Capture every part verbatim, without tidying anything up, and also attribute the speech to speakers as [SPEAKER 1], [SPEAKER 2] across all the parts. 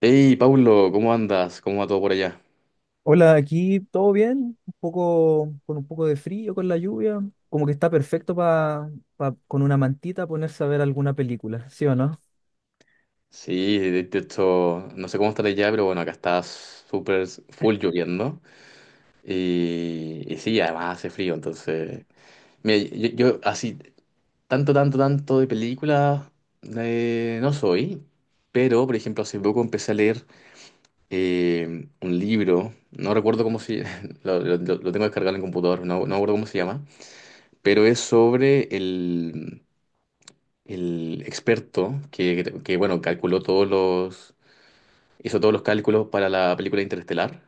[SPEAKER 1] Hey, Paulo, ¿cómo andas? ¿Cómo va todo por allá?
[SPEAKER 2] Hola, aquí todo bien, un poco con un poco de frío, con la lluvia, como que está perfecto para con una mantita ponerse a ver alguna película, ¿sí o no?
[SPEAKER 1] Sí, de de hecho, no sé cómo estará allá, pero bueno, acá está súper full lloviendo. Y, y sí, además hace frío, entonces. Mira, yo, yo así, tanto, tanto, tanto de películas, eh, no soy, pero por ejemplo, hace poco empecé a leer eh, un libro, no recuerdo cómo se... Lo, lo- lo tengo descargado en el computador, no, no recuerdo cómo se llama, pero es sobre el... el experto que, que, bueno, calculó todos los... Hizo todos los cálculos para la película Interestelar.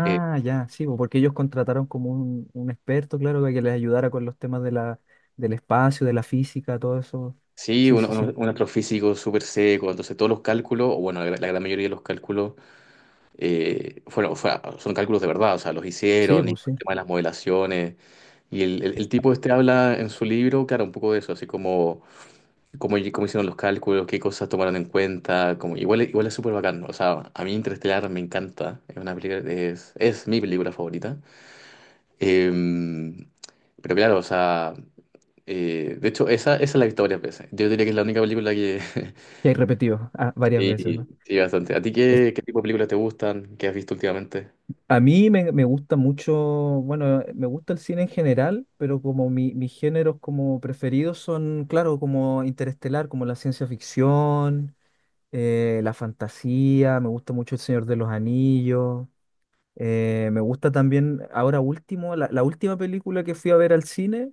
[SPEAKER 1] Eh,
[SPEAKER 2] ya, sí, bo, porque ellos contrataron como un, un experto, claro, para que les ayudara con los temas de la, del espacio, de la física, todo eso.
[SPEAKER 1] sí,
[SPEAKER 2] Sí,
[SPEAKER 1] un,
[SPEAKER 2] sí,
[SPEAKER 1] un-
[SPEAKER 2] sí.
[SPEAKER 1] un astrofísico súper seco, entonces todos los cálculos, o bueno, la, la gran mayoría de los cálculos eh, fueron, fue- son cálculos de verdad, o sea, los
[SPEAKER 2] Sí,
[SPEAKER 1] hicieron, y el
[SPEAKER 2] pues sí.
[SPEAKER 1] tema de las modelaciones. Y el, el- el tipo este habla en su libro, claro, un poco de eso, así como cómo, cómo hicieron los cálculos, qué cosas tomaron en cuenta, como, igual, igual es súper bacán, ¿no? O sea, a mí Interestelar me encanta, es una película, es, es mi película favorita. Em, pero claro, o sea, eh, de hecho, esa, esa es la victoria, pues. Yo diría que es la única película que...
[SPEAKER 2] Que hay repetido ah, varias veces,
[SPEAKER 1] Sí,
[SPEAKER 2] ¿no?
[SPEAKER 1] sí, bastante. ¿A ti
[SPEAKER 2] Es
[SPEAKER 1] qué, qué tipo de películas te gustan? ¿Qué has visto últimamente?
[SPEAKER 2] A mí me, me gusta mucho, bueno, eh, me gusta el cine en general, pero como mi, mis géneros como preferidos son, claro, como Interestelar, como la ciencia ficción, eh, la fantasía, me gusta mucho El Señor de los Anillos, eh, me gusta también, ahora último, la, la última película que fui a ver al cine,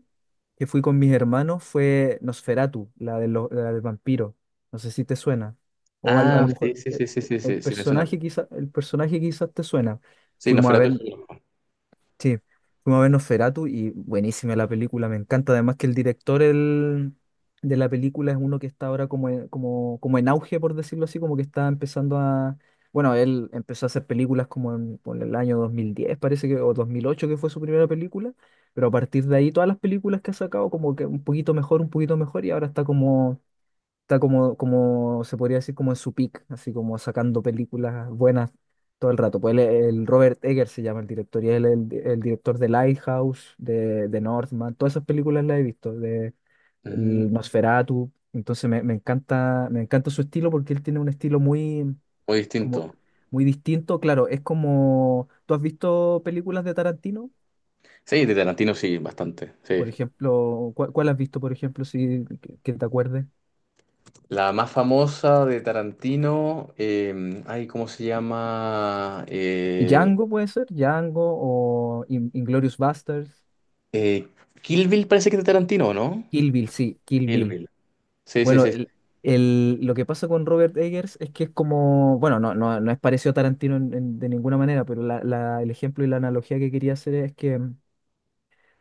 [SPEAKER 2] que fui con mis hermanos, fue Nosferatu, la, de lo- la del vampiro, no sé si te suena, o al- a,
[SPEAKER 1] Ah,
[SPEAKER 2] lo
[SPEAKER 1] sí,
[SPEAKER 2] mejor
[SPEAKER 1] sí,
[SPEAKER 2] eh,
[SPEAKER 1] sí, sí, sí,
[SPEAKER 2] el
[SPEAKER 1] sí, sí, me suena.
[SPEAKER 2] personaje quizá, el personaje quizás te suena.
[SPEAKER 1] Sí,
[SPEAKER 2] Fuimos a
[SPEAKER 1] Nosferatu
[SPEAKER 2] ver
[SPEAKER 1] es...
[SPEAKER 2] Sí, fuimos a ver Nosferatu y buenísima la película, me encanta. Además que el director el- de la película es uno que está ahora como, en- como, como en auge, por decirlo así, como que está empezando a... Bueno, él empezó a hacer películas como en, por el año dos mil diez, parece que, o dos mil ocho que fue su primera película, pero a partir de ahí todas las películas que ha sacado como que un poquito mejor, un poquito mejor, y ahora está como está como, como se podría decir, como en su peak, así como sacando películas buenas todo el rato. Pues él el Robert Eggers se llama el director y él es el, el director de Lighthouse, de, de Northman, todas esas películas las he visto, de
[SPEAKER 1] Mm,
[SPEAKER 2] el Nosferatu. Entonces me, me encanta, me encanta su estilo porque él tiene un estilo muy,
[SPEAKER 1] muy
[SPEAKER 2] como,
[SPEAKER 1] distinto.
[SPEAKER 2] muy distinto. Claro, es como, ¿tú has visto películas de Tarantino?
[SPEAKER 1] Sí, de Tarantino sí, bastante, sí.
[SPEAKER 2] Por ejemplo, ¿cuál, cuál has visto, por ejemplo, si que que te acuerdes?
[SPEAKER 1] La más famosa de Tarantino, eh, ay, ¿cómo se llama?
[SPEAKER 2] Y
[SPEAKER 1] Eh,
[SPEAKER 2] Django puede ser, Django o In- Inglourious Basterds,
[SPEAKER 1] eh, Kill Bill parece que es de Tarantino, ¿no?
[SPEAKER 2] Kill Bill, sí, Kill
[SPEAKER 1] Kill
[SPEAKER 2] Bill.
[SPEAKER 1] Bill. Sí, sí,
[SPEAKER 2] Bueno,
[SPEAKER 1] sí.
[SPEAKER 2] el, el- lo que pasa con Robert Eggers es que es como, bueno, no, no, no es parecido a Tarantino en- en- de ninguna manera, pero la- la- el ejemplo y la analogía que quería hacer es que mm,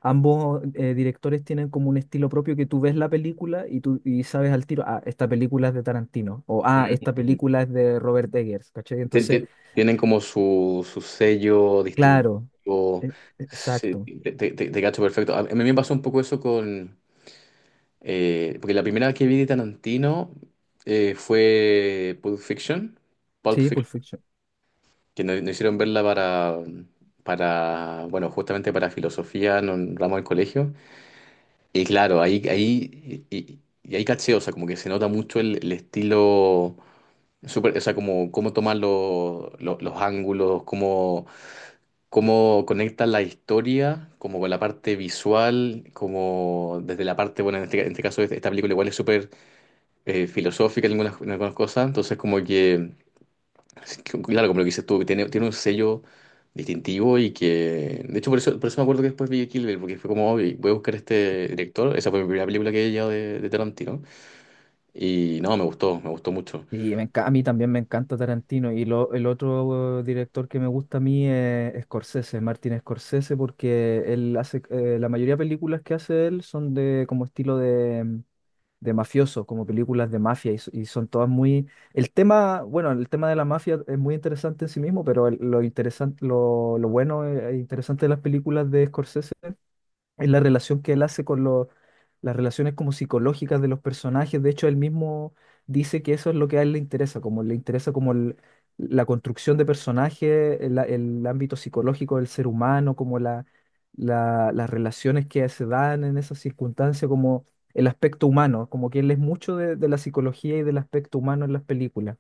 [SPEAKER 2] ambos eh, directores tienen como un estilo propio que tú ves la película y tú y sabes al tiro, ah, esta película es de Tarantino, o ah, esta
[SPEAKER 1] Sí.
[SPEAKER 2] película es de Robert Eggers, ¿cachai?
[SPEAKER 1] Ti-
[SPEAKER 2] Entonces,
[SPEAKER 1] ti- Tienen como su, su sello
[SPEAKER 2] claro,
[SPEAKER 1] distintivo.
[SPEAKER 2] e-
[SPEAKER 1] Sí,
[SPEAKER 2] exacto,
[SPEAKER 1] te, te- te- te cacho perfecto. A mí me pasó un poco eso con... eh, porque la primera vez que vi de Tarantino eh, fue Pulp Fiction. Pulp
[SPEAKER 2] sí, Pulp
[SPEAKER 1] Fiction.
[SPEAKER 2] Fiction.
[SPEAKER 1] Que nos, nos hicieron verla para, para. Bueno, justamente para filosofía, no un ramo del colegio. Y claro, ahí, ahí, y, y- y ahí caché, o sea, como que se nota mucho el, el estilo. Súper, o sea, como cómo toman los los- los ángulos, cómo cómo conecta la historia, como con la parte visual, como desde la parte, bueno, en este, en este caso este- esta película igual es súper eh, filosófica en algunas, en algunas cosas, entonces como que, claro, como lo que dices tú, que tiene, tiene un sello distintivo y que, de hecho por eso, por eso me acuerdo que después vi Kill Bill, porque fue como, "Oh, voy a buscar este director, esa fue mi primera película que vi ya de, de Tarantino, y no, me gustó, me gustó mucho".
[SPEAKER 2] Y me enca- a mí también me encanta Tarantino. Y lo, el otro eh, director que me gusta a mí es Scorsese, Martin Scorsese, porque él hace, eh, la mayoría de películas que hace él son de como estilo de, mm, de mafioso, como películas de mafia, y, so- y son todas muy... El tema, bueno, el tema de la mafia es muy interesante en sí mismo, pero el- lo interesante, lo, lo bueno e interesante de las películas de Scorsese en la relación que él hace con los, las relaciones como psicológicas de los personajes. De hecho, él mismo dice que eso es lo que a él le interesa, como le interesa como el- la construcción de personajes, el, el ámbito psicológico del ser humano, como la, la- las relaciones que se dan en esas circunstancias, como el aspecto humano, como que él es mucho de, de la psicología y del aspecto humano en las películas.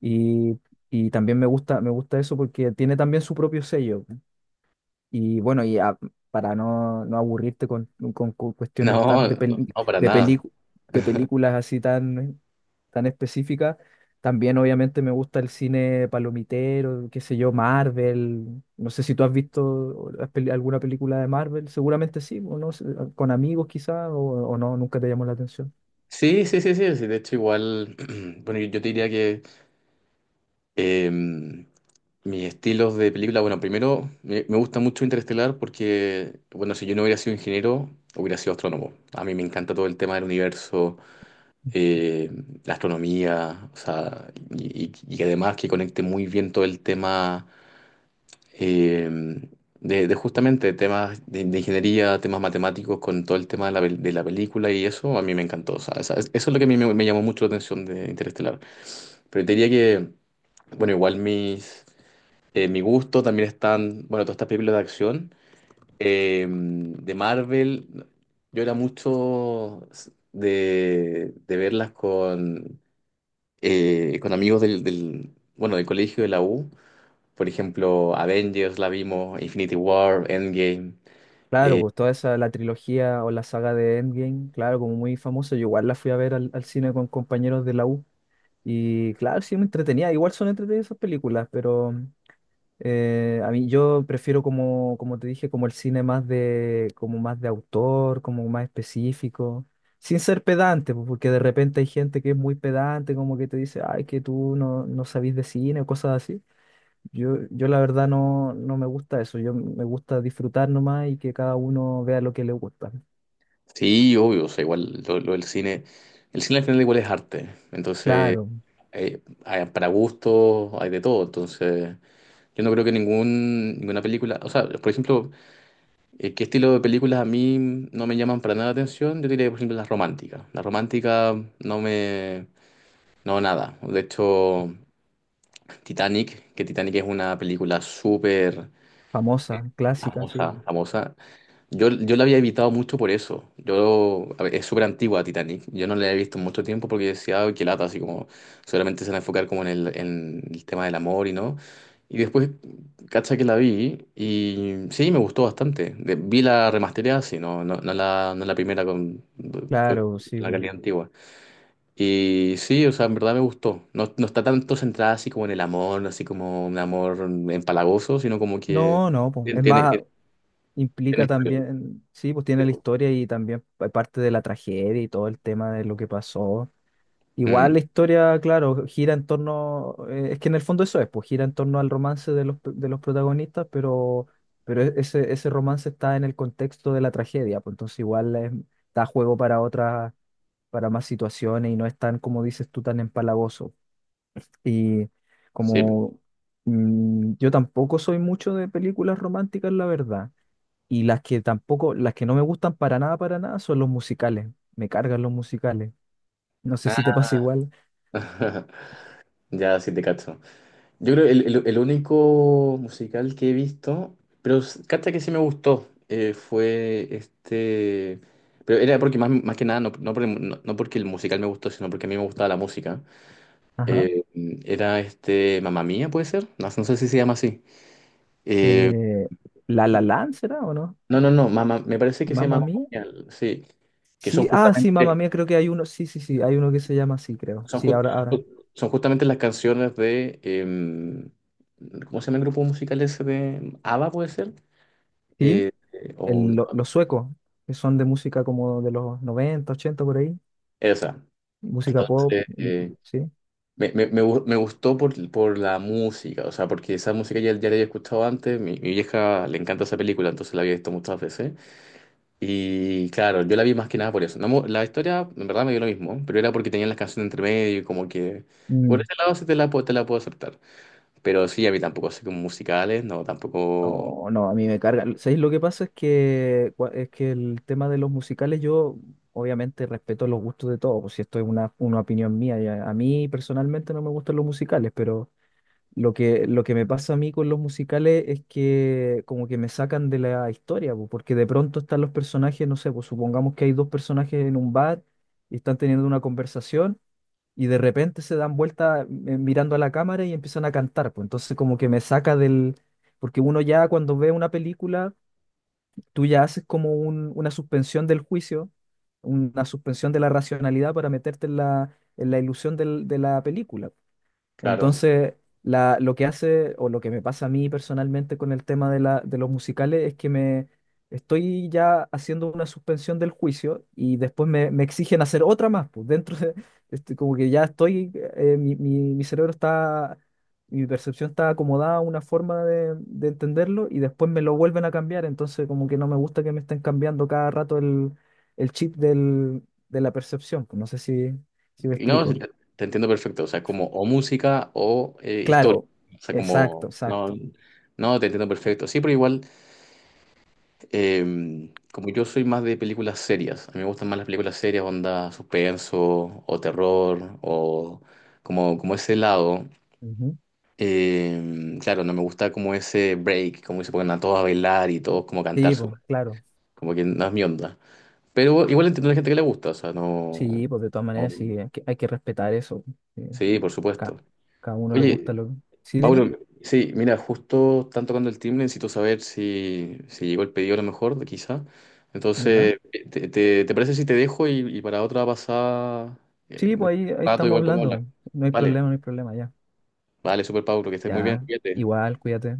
[SPEAKER 2] Y, y también me gusta, me gusta eso porque tiene también su propio sello. Y bueno, y a- para no, no aburrirte con, con cu- cuestiones tan
[SPEAKER 1] ¿No
[SPEAKER 2] de,
[SPEAKER 1] No,
[SPEAKER 2] peli-
[SPEAKER 1] no, para
[SPEAKER 2] de,
[SPEAKER 1] nada.
[SPEAKER 2] pelicu- de películas así tan, tan específicas, también obviamente me gusta el cine palomitero, qué sé yo, Marvel. No sé si tú has visto las peli- alguna película de Marvel, seguramente sí, o no, sé, con amigos quizás, o, o no, nunca te llamó la atención.
[SPEAKER 1] Sí, sí, sí, sí, sí, de hecho igual, bueno, yo yo te diría que... Eh, Mis estilos de película, bueno, primero me, me gusta mucho Interestelar porque, bueno, si yo no hubiera sido ingeniero, hubiera sido astrónomo. A mí me encanta todo el tema del universo, eh, la astronomía, o sea, y, y- y además que conecte muy bien todo el tema eh, de, de justamente temas de, de ingeniería, temas matemáticos con todo el tema de la, pel- de la película y eso, a mí me encantó. O sea, esa, eso es lo que a mí me, me llamó mucho la atención de Interestelar. Pero te diría que, bueno, igual mis eh, mi gusto. También están, bueno, todas estas películas de acción. Eh, de Marvel, yo era mucho de, de verlas con, eh, con amigos del, del, bueno, del colegio de la U. Por ejemplo, Avengers la vimos, Infinity War, Endgame.
[SPEAKER 2] Claro, pues toda esa, la trilogía o la saga de Endgame, claro, como muy famosa, yo igual la fui a ver al, al cine con compañeros de la U. Y claro, sí, me entretenía. Igual son entretenidas esas películas, pero eh, a mí yo prefiero como, como te dije, como el cine más de, como más de autor, como más específico, sin ser pedante, pues, porque de repente hay gente que es muy pedante, como que te dice, ay, que tú no, no sabís de cine o cosas así. Yo, yo la verdad no, no me gusta eso. Yo me gusta disfrutar nomás y que cada uno vea lo que le gusta.
[SPEAKER 1] Sí, obvio, o sea, igual lo, lo del cine. El cine al final igual es arte. Entonces,
[SPEAKER 2] Claro,
[SPEAKER 1] eh, hay- para gustos hay de todo. Entonces, yo no creo que ningún, ninguna película, o sea, por ejemplo, eh, ¿qué estilo de películas a mí no me llaman para nada la atención? Yo diría, por ejemplo, las románticas. Las románticas no me... No, nada. De hecho, Titanic, que Titanic es una película súper
[SPEAKER 2] famosa, clásica,
[SPEAKER 1] famosa,
[SPEAKER 2] sí.
[SPEAKER 1] famosa. Yo, yo la había evitado mucho por eso. Yo, a ver, es súper antigua Titanic. Yo no la he visto en mucho tiempo porque decía, "Ay, qué lata, así como solamente se van a enfocar como en el, en el tema del amor y no". Y después, cacha que la vi y sí, me gustó bastante. De... vi la remasterizada, sí, no, no, no la, no la primera con, con
[SPEAKER 2] Claro, sí,
[SPEAKER 1] la
[SPEAKER 2] pues.
[SPEAKER 1] calidad antigua. Y sí, o sea, en verdad me gustó. No, no está tanto centrada así como en el amor, así como un amor empalagoso, sino como que
[SPEAKER 2] No, no, pues.
[SPEAKER 1] tiene,
[SPEAKER 2] Es
[SPEAKER 1] tiene,
[SPEAKER 2] más, implica
[SPEAKER 1] tiene
[SPEAKER 2] también, sí, pues tiene la historia y también pa- parte de la tragedia y todo el tema de lo que pasó. Igual la
[SPEAKER 1] historia.
[SPEAKER 2] historia, claro, gira en torno, eh, es que en el fondo eso es, pues gira en torno al romance de los, p- de los protagonistas, pero, pero e- ese, ese romance está en el contexto de la tragedia, pues entonces igual es- da juego para otras, para más situaciones y no es tan, como dices tú, tan empalagoso. Y
[SPEAKER 1] Sí.
[SPEAKER 2] como mm, yo tampoco soy mucho de películas románticas, la verdad. Y las que tampoco, las que no me gustan para nada, para nada, son los musicales. Me cargan los musicales. No sé si te
[SPEAKER 1] Ah,
[SPEAKER 2] pasa igual.
[SPEAKER 1] ya sí te cacho. Yo creo el, el, el único musical que he visto, pero s- cacha que sí me gustó, eh, fue este. Pero era porque más, más que nada, no, no, por el- no- no porque el musical me gustó, sino porque a mí me gustaba la música.
[SPEAKER 2] Ajá.
[SPEAKER 1] Eh, Era este... Mamma Mía, ¿puede ser? No, no sé si se llama así. Eh,
[SPEAKER 2] Eh, La La Land, ¿será o no?
[SPEAKER 1] no, no, no, Mamma... me parece que se llama
[SPEAKER 2] Mamma
[SPEAKER 1] Mamma
[SPEAKER 2] Mía.
[SPEAKER 1] Mía, sí. Que son
[SPEAKER 2] Sí, ah, sí, Mamma
[SPEAKER 1] justamente...
[SPEAKER 2] Mía, creo que hay uno. Sí, sí, sí, hay uno que se llama así, creo.
[SPEAKER 1] Son,
[SPEAKER 2] Sí,
[SPEAKER 1] ju-
[SPEAKER 2] ahora, ahora.
[SPEAKER 1] son justamente las canciones de, em, ¿cómo se llama el grupo musical ese de ABBA, puede ser?
[SPEAKER 2] Sí,
[SPEAKER 1] Eh, eh, o
[SPEAKER 2] el- lo- los suecos, que son de música como de los noventa ochenta por ahí.
[SPEAKER 1] esa.
[SPEAKER 2] Música pop,
[SPEAKER 1] Entonces,
[SPEAKER 2] y-
[SPEAKER 1] eh,
[SPEAKER 2] sí.
[SPEAKER 1] me, me- me gu- me gustó por, por la música, o sea, porque esa música ya, ya la había escuchado antes, mi, mi vieja le encanta esa película, entonces la había visto muchas veces. Y claro, yo la vi más que nada por eso. No mo- la historia, en verdad, me dio lo mismo, pero era porque tenían las canciones entre medio y como que, por
[SPEAKER 2] Mm.
[SPEAKER 1] ese lado sí te la, puedo- te la puedo aceptar. Pero sí, a mí tampoco sé como musicales, no, tampoco,
[SPEAKER 2] No, no, a mí me carga. ¿Sabéis lo que pasa? Es que, cua- es que el tema de los musicales, yo obviamente respeto los gustos de todos, pues si esto es una, una opinión mía. ya- A mí personalmente no me gustan los musicales, pero lo que, lo que me pasa a mí con los musicales es que como que me sacan de la historia, pues, porque de pronto están los personajes, no sé, pues supongamos que hay dos personajes en un bar y están teniendo una conversación y de repente se dan vuelta eh, mirando a la cámara y empiezan a cantar, pues entonces como que me saca del... Porque uno ya cuando ve una película, tú ya haces como un- una suspensión del juicio, una suspensión de la racionalidad para meterte en la, en la ilusión del- de la película.
[SPEAKER 1] claro.
[SPEAKER 2] Entonces, la- lo que hace o lo que me pasa a mí personalmente con el tema de, la, de los musicales es que me estoy ya haciendo una suspensión del juicio y después me, me exigen hacer otra más. Pues dentro de, este, como que ya estoy, eh, mi, mi- mi cerebro está, mi percepción está acomodada a una forma de, de entenderlo y después me lo vuelven a cambiar. Entonces, como que no me gusta que me estén cambiando cada rato el, el chip del, de la percepción, pues. No sé si, si me
[SPEAKER 1] Y no, sí,
[SPEAKER 2] explico.
[SPEAKER 1] te, te entiendo perfecto, o sea, como o música o eh, historia.
[SPEAKER 2] Claro,
[SPEAKER 1] O sea, como,
[SPEAKER 2] exacto,
[SPEAKER 1] no,
[SPEAKER 2] exacto.
[SPEAKER 1] no, te entiendo perfecto. Sí, pero igual, eh, como yo soy más de películas serias, a mí me gustan más las películas serias, onda suspenso o terror o como, como ese lado.
[SPEAKER 2] Ujú.
[SPEAKER 1] Eh, claro, no me gusta como ese break, como que se ponen a todos a bailar y todos como a cantar,
[SPEAKER 2] Sí, pues, claro.
[SPEAKER 1] como que no es mi onda. Pero igual entiendo a la gente que le gusta, o sea, no...
[SPEAKER 2] Sí, pues de todas maneras
[SPEAKER 1] Obvio.
[SPEAKER 2] sí, hay que, hay que respetar eso. Sí.
[SPEAKER 1] Sí, por supuesto.
[SPEAKER 2] Ca-
[SPEAKER 1] Claro.
[SPEAKER 2] Cada uno le gusta
[SPEAKER 1] Oye,
[SPEAKER 2] lo que... Sí, dime.
[SPEAKER 1] Pablo, sí, mira, justo están tocando el timbre, necesito saber si, si llegó el pedido a lo mejor, quizá.
[SPEAKER 2] Ya.
[SPEAKER 1] Entonces, eh, ¿te, te- te parece si te dejo y, y para otra pasada, eh,
[SPEAKER 2] Sí,
[SPEAKER 1] un
[SPEAKER 2] pues ahí, ahí
[SPEAKER 1] rato
[SPEAKER 2] estamos
[SPEAKER 1] igual podemos hablar?
[SPEAKER 2] hablando. No hay
[SPEAKER 1] Vale,
[SPEAKER 2] problema, no hay problema, ya.
[SPEAKER 1] vale, super Pablo, que estés muy bien,
[SPEAKER 2] Ya.
[SPEAKER 1] cuídate.
[SPEAKER 2] Igual, cuídate.